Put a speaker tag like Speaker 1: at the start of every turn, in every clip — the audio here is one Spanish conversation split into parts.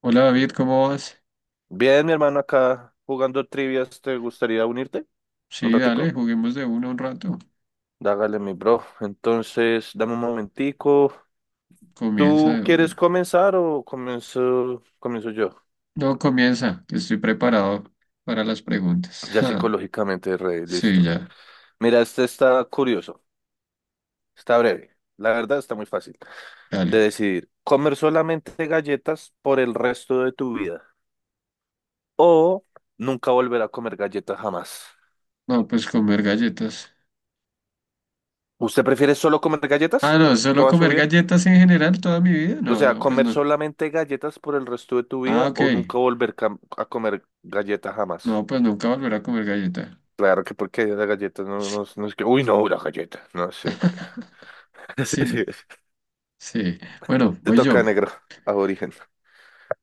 Speaker 1: Hola David, ¿cómo vas?
Speaker 2: Bien, mi hermano, acá jugando trivias, ¿te gustaría unirte? ¿Un
Speaker 1: Sí,
Speaker 2: ratico?
Speaker 1: dale, juguemos de uno un rato.
Speaker 2: Dágale, mi bro. Entonces, dame un momentico.
Speaker 1: Comienza
Speaker 2: ¿Tú
Speaker 1: de
Speaker 2: quieres
Speaker 1: uno.
Speaker 2: comenzar o comienzo yo?
Speaker 1: No, comienza, que estoy preparado para las preguntas.
Speaker 2: Ya psicológicamente re
Speaker 1: Sí,
Speaker 2: listo.
Speaker 1: ya,
Speaker 2: Mira, este está curioso, está breve. La verdad está muy fácil de
Speaker 1: dale.
Speaker 2: decidir. ¿Comer solamente galletas por el resto de tu vida? ¿O nunca volver a comer galletas jamás?
Speaker 1: No, pues comer galletas.
Speaker 2: ¿Usted prefiere solo comer
Speaker 1: Ah,
Speaker 2: galletas
Speaker 1: no, solo
Speaker 2: toda su
Speaker 1: comer
Speaker 2: vida?
Speaker 1: galletas en general toda mi vida.
Speaker 2: O
Speaker 1: No,
Speaker 2: sea,
Speaker 1: no, pues
Speaker 2: comer
Speaker 1: no.
Speaker 2: solamente galletas por el resto de tu
Speaker 1: Ah,
Speaker 2: vida
Speaker 1: ok.
Speaker 2: o nunca volver a comer galletas
Speaker 1: No,
Speaker 2: jamás.
Speaker 1: pues nunca volveré a comer galleta.
Speaker 2: Claro que porque la galleta no, no, no es que... Uy, no, la galleta. No sé.
Speaker 1: Sí, no.
Speaker 2: Sí.
Speaker 1: Sí. Bueno,
Speaker 2: Te
Speaker 1: voy
Speaker 2: toca
Speaker 1: yo.
Speaker 2: negro, aborigen.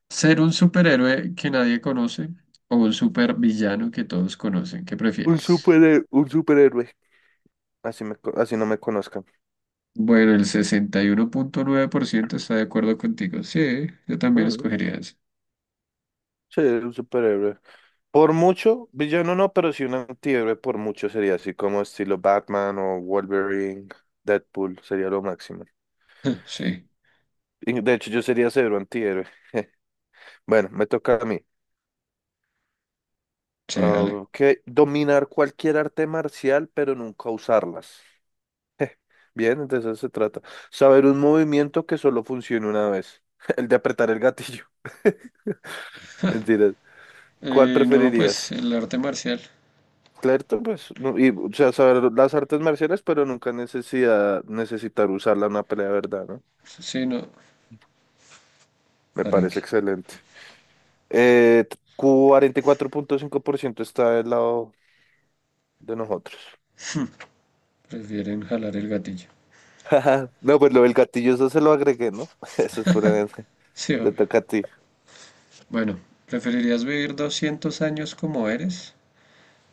Speaker 1: ¿Ser un superhéroe que nadie conoce o un supervillano que todos conocen? ¿Qué prefieres?
Speaker 2: Un superhéroe. Así, así no me conozcan.
Speaker 1: Bueno, el 61.9% está de acuerdo contigo. Sí, yo también
Speaker 2: Mm,
Speaker 1: escogería eso.
Speaker 2: sí, un superhéroe. Por mucho, villano no, pero sí un antihéroe por mucho sería así como estilo Batman o Wolverine, Deadpool, sería lo máximo.
Speaker 1: Sí,
Speaker 2: De hecho, yo sería cero antihéroe. Bueno, me toca a mí.
Speaker 1: sí, dale.
Speaker 2: Ah, que dominar cualquier arte marcial, pero nunca usarlas. Eh, bien, entonces eso se trata. Saber un movimiento que solo funcione una vez. El de apretar el gatillo. Mentiras. ¿Cuál
Speaker 1: No, pues
Speaker 2: preferirías?
Speaker 1: el arte marcial.
Speaker 2: Claro, pues, no, y, o sea, saber las artes marciales, pero nunca necesitar usarla en una pelea de verdad, ¿no?
Speaker 1: Sí, no.
Speaker 2: Me
Speaker 1: ¿Para
Speaker 2: parece
Speaker 1: qué?
Speaker 2: excelente. Eh, 44,5% está del lado de nosotros.
Speaker 1: Prefieren jalar el gatillo.
Speaker 2: No, pues lo del gatillo, eso se lo agregué, ¿no? Eso es puramente.
Speaker 1: Sí,
Speaker 2: Te
Speaker 1: obvio.
Speaker 2: toca a ti.
Speaker 1: Bueno, ¿preferirías vivir 200 años como eres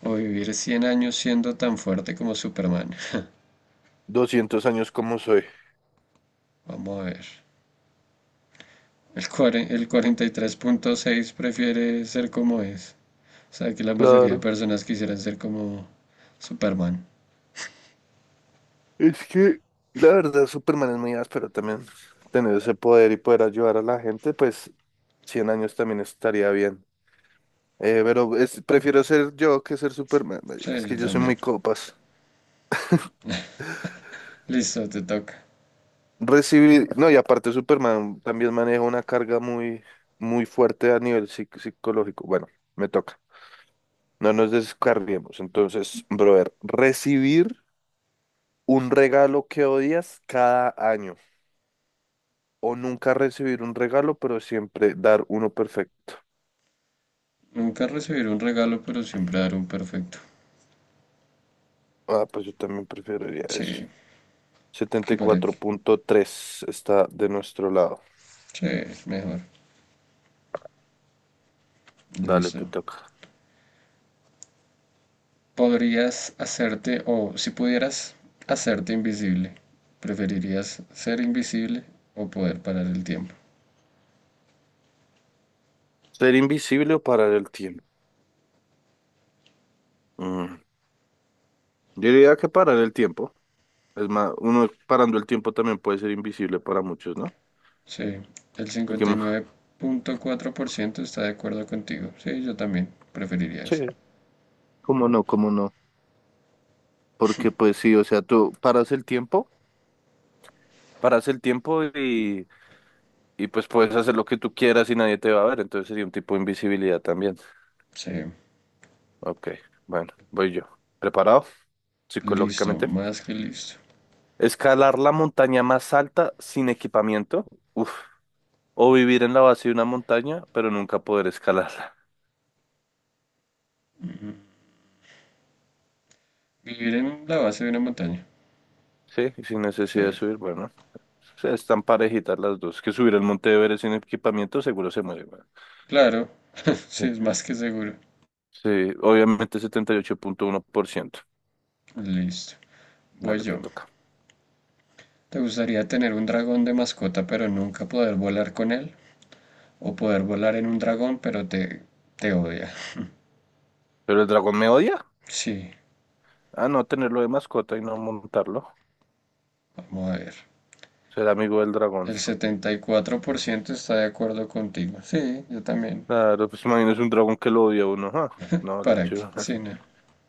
Speaker 1: o vivir 100 años siendo tan fuerte como Superman?
Speaker 2: 200 años como soy.
Speaker 1: Vamos a ver. El 43.6 prefiere ser como es. O sea, que la mayoría de
Speaker 2: Claro.
Speaker 1: personas quisieran ser como Superman.
Speaker 2: Es que la verdad Superman es muy áspero también. Tener ese poder y poder ayudar a la gente, pues 100 años también estaría bien. Pero prefiero ser yo que ser Superman.
Speaker 1: Sí,
Speaker 2: Marica, es
Speaker 1: yo
Speaker 2: que yo soy
Speaker 1: también.
Speaker 2: muy copas.
Speaker 1: Listo, te toca.
Speaker 2: Recibir, no, y aparte Superman también maneja una carga muy, muy fuerte a nivel psicológico. Bueno, me toca. No nos descarguemos. Entonces, brother, recibir un regalo que odias cada año. O nunca recibir un regalo, pero siempre dar uno perfecto.
Speaker 1: Nunca recibir un regalo, pero siempre dar un perfecto.
Speaker 2: Ah, pues yo también preferiría eso.
Speaker 1: Sí,
Speaker 2: setenta
Speaker 1: aquí
Speaker 2: y
Speaker 1: para
Speaker 2: cuatro
Speaker 1: aquí.
Speaker 2: punto tres está de nuestro lado.
Speaker 1: Sí, es mejor.
Speaker 2: Dale, te
Speaker 1: Listo.
Speaker 2: toca.
Speaker 1: ¿Podrías hacerte, o si pudieras hacerte invisible, preferirías ser invisible o poder parar el tiempo?
Speaker 2: ¿Ser invisible o parar el tiempo? Mm, Yo diría que parar el tiempo. Es más, uno parando el tiempo también puede ser invisible para muchos, ¿no?
Speaker 1: Sí, el
Speaker 2: El que más-
Speaker 1: 59.4% está de acuerdo contigo. Sí, yo también preferiría
Speaker 2: Sí.
Speaker 1: eso.
Speaker 2: ¿Cómo no? ¿Cómo no? Porque pues sí, o sea, tú paras el tiempo, paras el tiempo y, y pues puedes hacer lo que tú quieras y nadie te va a ver, entonces sería un tipo de invisibilidad también.
Speaker 1: Sí,
Speaker 2: Ok, bueno, voy yo. ¿Preparado?
Speaker 1: listo,
Speaker 2: Psicológicamente.
Speaker 1: más que listo.
Speaker 2: Escalar la montaña más alta sin equipamiento. Uf. O vivir en la base de una montaña, pero nunca poder escalarla.
Speaker 1: Vivir en la base de una montaña.
Speaker 2: Sí, y sin
Speaker 1: Sí,
Speaker 2: necesidad de subir. Bueno, o sea, están parejitas las dos. Que subir el Monte Everest sin equipamiento seguro se muere, weón.
Speaker 1: claro, sí,
Speaker 2: Sí,
Speaker 1: es más que seguro.
Speaker 2: sí, obviamente 78,1%.
Speaker 1: Listo. Voy
Speaker 2: Dale, te
Speaker 1: yo.
Speaker 2: toca.
Speaker 1: ¿Te gustaría tener un dragón de mascota pero nunca poder volar con él? ¿O poder volar en un dragón pero te odia?
Speaker 2: ¿Pero el dragón me odia?
Speaker 1: Sí,
Speaker 2: Ah, no, tenerlo de mascota y no montarlo.
Speaker 1: vamos a ver.
Speaker 2: Ser amigo del dragón.
Speaker 1: El 74% está de acuerdo contigo. Sí, yo también.
Speaker 2: Claro, pues imagínese un dragón que lo odia a uno. No, la
Speaker 1: ¿Para qué?
Speaker 2: chuva.
Speaker 1: Sí, no.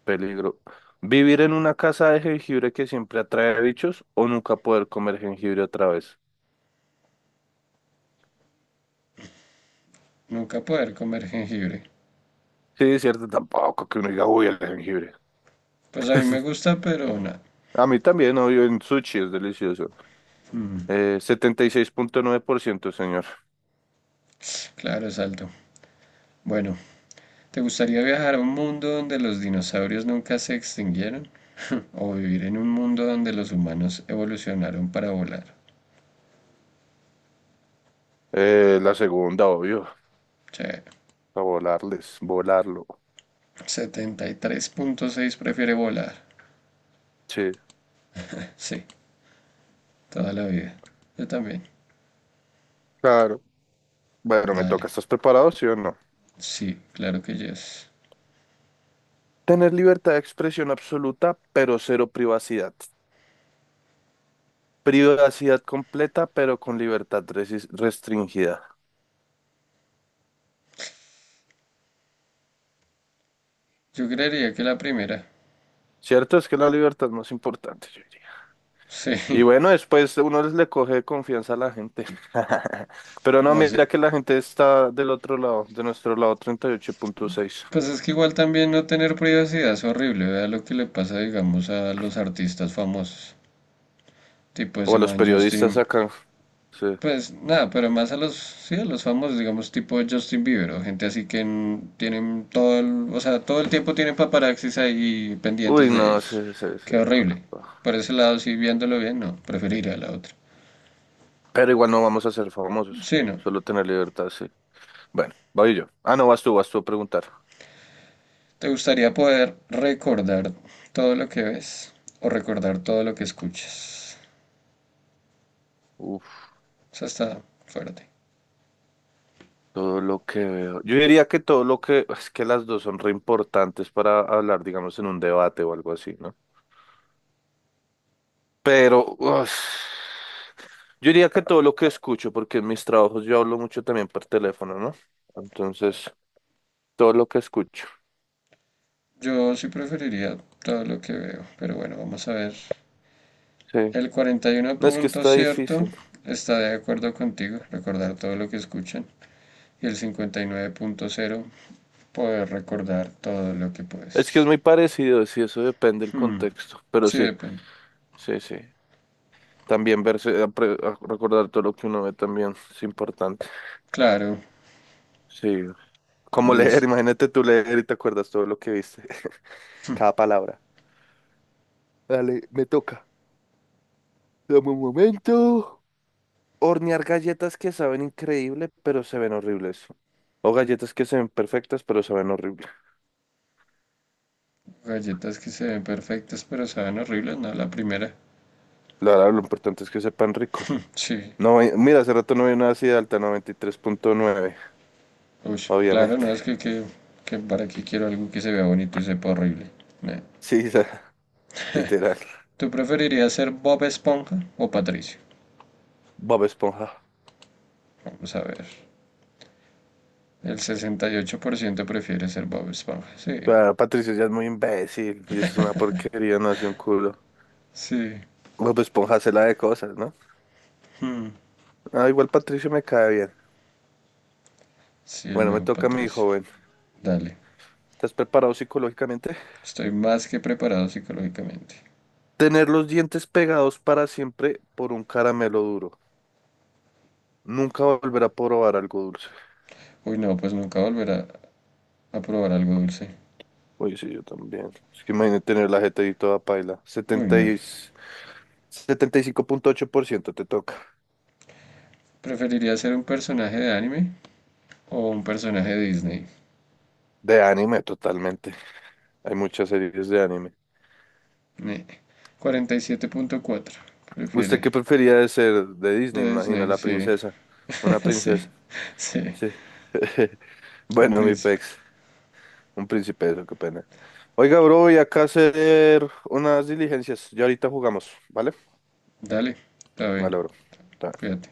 Speaker 2: Peligro. Vivir en una casa de jengibre que siempre atrae bichos o nunca poder comer jengibre otra vez.
Speaker 1: Nunca poder comer jengibre.
Speaker 2: Sí, es cierto, tampoco que uno diga, uy, el jengibre.
Speaker 1: Pues a mí me gusta, pero nada.
Speaker 2: A mí también, obvio, en sushi es delicioso.
Speaker 1: Mm,
Speaker 2: 76,9%, señor.
Speaker 1: claro, es alto. Bueno, ¿te gustaría viajar a un mundo donde los dinosaurios nunca se extinguieron? ¿O vivir en un mundo donde los humanos evolucionaron para volar?
Speaker 2: La segunda, obvio.
Speaker 1: Che,
Speaker 2: A volarles, volarlo.
Speaker 1: 73.6 prefiere volar.
Speaker 2: Sí,
Speaker 1: Sí, toda la vida. Yo también.
Speaker 2: claro. Bueno, me toca.
Speaker 1: Dale.
Speaker 2: ¿Estás preparado, sí o no?
Speaker 1: Sí, claro que yes.
Speaker 2: Tener libertad de expresión absoluta, pero cero privacidad. Privacidad completa, pero con libertad restringida.
Speaker 1: Yo creería que la primera.
Speaker 2: ¿Cierto? Es que la libertad no es más importante, yo diría. Y
Speaker 1: Sí,
Speaker 2: bueno, después uno les le coge confianza a la gente. Pero no,
Speaker 1: o así.
Speaker 2: mira que la gente está del otro lado, de nuestro lado 38,6.
Speaker 1: Pues es que igual también no tener privacidad es horrible. Vea lo que le pasa, digamos, a los artistas famosos. Tipo
Speaker 2: O
Speaker 1: ese
Speaker 2: a los
Speaker 1: man
Speaker 2: periodistas
Speaker 1: Justin.
Speaker 2: acá. Sí.
Speaker 1: Pues nada, pero más a los, sí, a los famosos, digamos, tipo Justin Bieber o gente así que en- tienen todo el tiempo tienen paparazzis ahí pendientes
Speaker 2: Uy,
Speaker 1: de
Speaker 2: no, sí,
Speaker 1: ellos.
Speaker 2: sí, sí,
Speaker 1: Qué
Speaker 2: no.
Speaker 1: horrible.
Speaker 2: Pa.
Speaker 1: Por ese lado, sí, viéndolo bien, no, preferiría la otra.
Speaker 2: Pero igual no vamos a ser famosos.
Speaker 1: Sí, no.
Speaker 2: Solo tener libertad, sí. Bueno, voy yo. Ah, no, vas tú a preguntar.
Speaker 1: ¿Te gustaría poder recordar todo lo que ves o recordar todo lo que escuchas? O sea, está fuerte.
Speaker 2: Todo lo que veo. Yo diría que todo lo que... Es que las dos son re importantes para hablar, digamos, en un debate o algo así, ¿no? Pero... yo diría que todo lo que escucho, porque en mis trabajos yo hablo mucho también por teléfono, ¿no? Entonces, todo lo que escucho.
Speaker 1: Yo sí preferiría todo lo que veo, pero bueno, vamos a ver.
Speaker 2: Sí.
Speaker 1: El 41
Speaker 2: No es que
Speaker 1: punto
Speaker 2: está
Speaker 1: cierto
Speaker 2: difícil.
Speaker 1: está de acuerdo contigo, recordar todo lo que escuchan. Y el 59.0 poder recordar todo lo que
Speaker 2: Es que es
Speaker 1: puedes.
Speaker 2: muy parecido, sí, eso depende del
Speaker 1: Hmm,
Speaker 2: contexto. Pero
Speaker 1: sí,
Speaker 2: sí,
Speaker 1: depende.
Speaker 2: sí, sí. También verse, recordar todo lo que uno ve también es importante.
Speaker 1: Claro,
Speaker 2: Sí. Como leer,
Speaker 1: listo.
Speaker 2: imagínate tú leer y te acuerdas todo lo que viste, cada palabra. Dale, me toca. Dame un momento. Hornear galletas que saben increíble, pero se ven horribles. O galletas que se ven perfectas, pero se ven horribles.
Speaker 1: Galletas que se ven perfectas pero saben horribles, ¿no? La primera.
Speaker 2: La verdad, lo importante es que sepan rico.
Speaker 1: Sí.
Speaker 2: No, mira, hace rato no vi una así de alta, 93,9
Speaker 1: Uy, claro,
Speaker 2: obviamente.
Speaker 1: no es que, que, que para qué quiero algo que se vea bonito y sepa horrible. No.
Speaker 2: Sí, literal.
Speaker 1: ¿Tú preferirías ser Bob Esponja o Patricio?
Speaker 2: Bob Esponja.
Speaker 1: Vamos a ver. El 68% prefiere ser Bob Esponja. Sí,
Speaker 2: Claro, Patricio ya es muy imbécil y eso es una porquería, no hace un culo.
Speaker 1: sí,
Speaker 2: Bob Esponja se la de cosas, ¿no? Ah, igual Patricio me cae bien.
Speaker 1: sí, el
Speaker 2: Bueno, me
Speaker 1: viejo
Speaker 2: toca a mi
Speaker 1: Patricio.
Speaker 2: joven.
Speaker 1: Dale,
Speaker 2: ¿Estás preparado psicológicamente?
Speaker 1: estoy más que preparado psicológicamente.
Speaker 2: Tener los dientes pegados para siempre por un caramelo duro. Nunca volver a probar algo dulce.
Speaker 1: Uy, no, pues nunca volverá a probar algo dulce.
Speaker 2: Oye, sí, yo también. Es que imagínate tener la jeta ahí toda paila.
Speaker 1: Uy, no.
Speaker 2: 75,8%, te toca.
Speaker 1: ¿Preferiría ser un personaje de anime o un personaje de Disney?
Speaker 2: De anime, totalmente. Hay muchas series de anime.
Speaker 1: Ne. 47.4.
Speaker 2: ¿Usted
Speaker 1: Prefiere
Speaker 2: qué prefería de ser de Disney? Me
Speaker 1: de
Speaker 2: imagino,
Speaker 1: Disney,
Speaker 2: la
Speaker 1: sí.
Speaker 2: princesa. Una
Speaker 1: Sí,
Speaker 2: princesa.
Speaker 1: sí.
Speaker 2: Sí.
Speaker 1: Un
Speaker 2: Bueno, mi
Speaker 1: príncipe.
Speaker 2: pex. Un príncipe, eso, qué pena. Oiga, bro, voy acá a hacer unas diligencias. Ya ahorita jugamos, ¿vale?
Speaker 1: Dale, está bien.
Speaker 2: Vale, bro. Chao.
Speaker 1: Cuídate.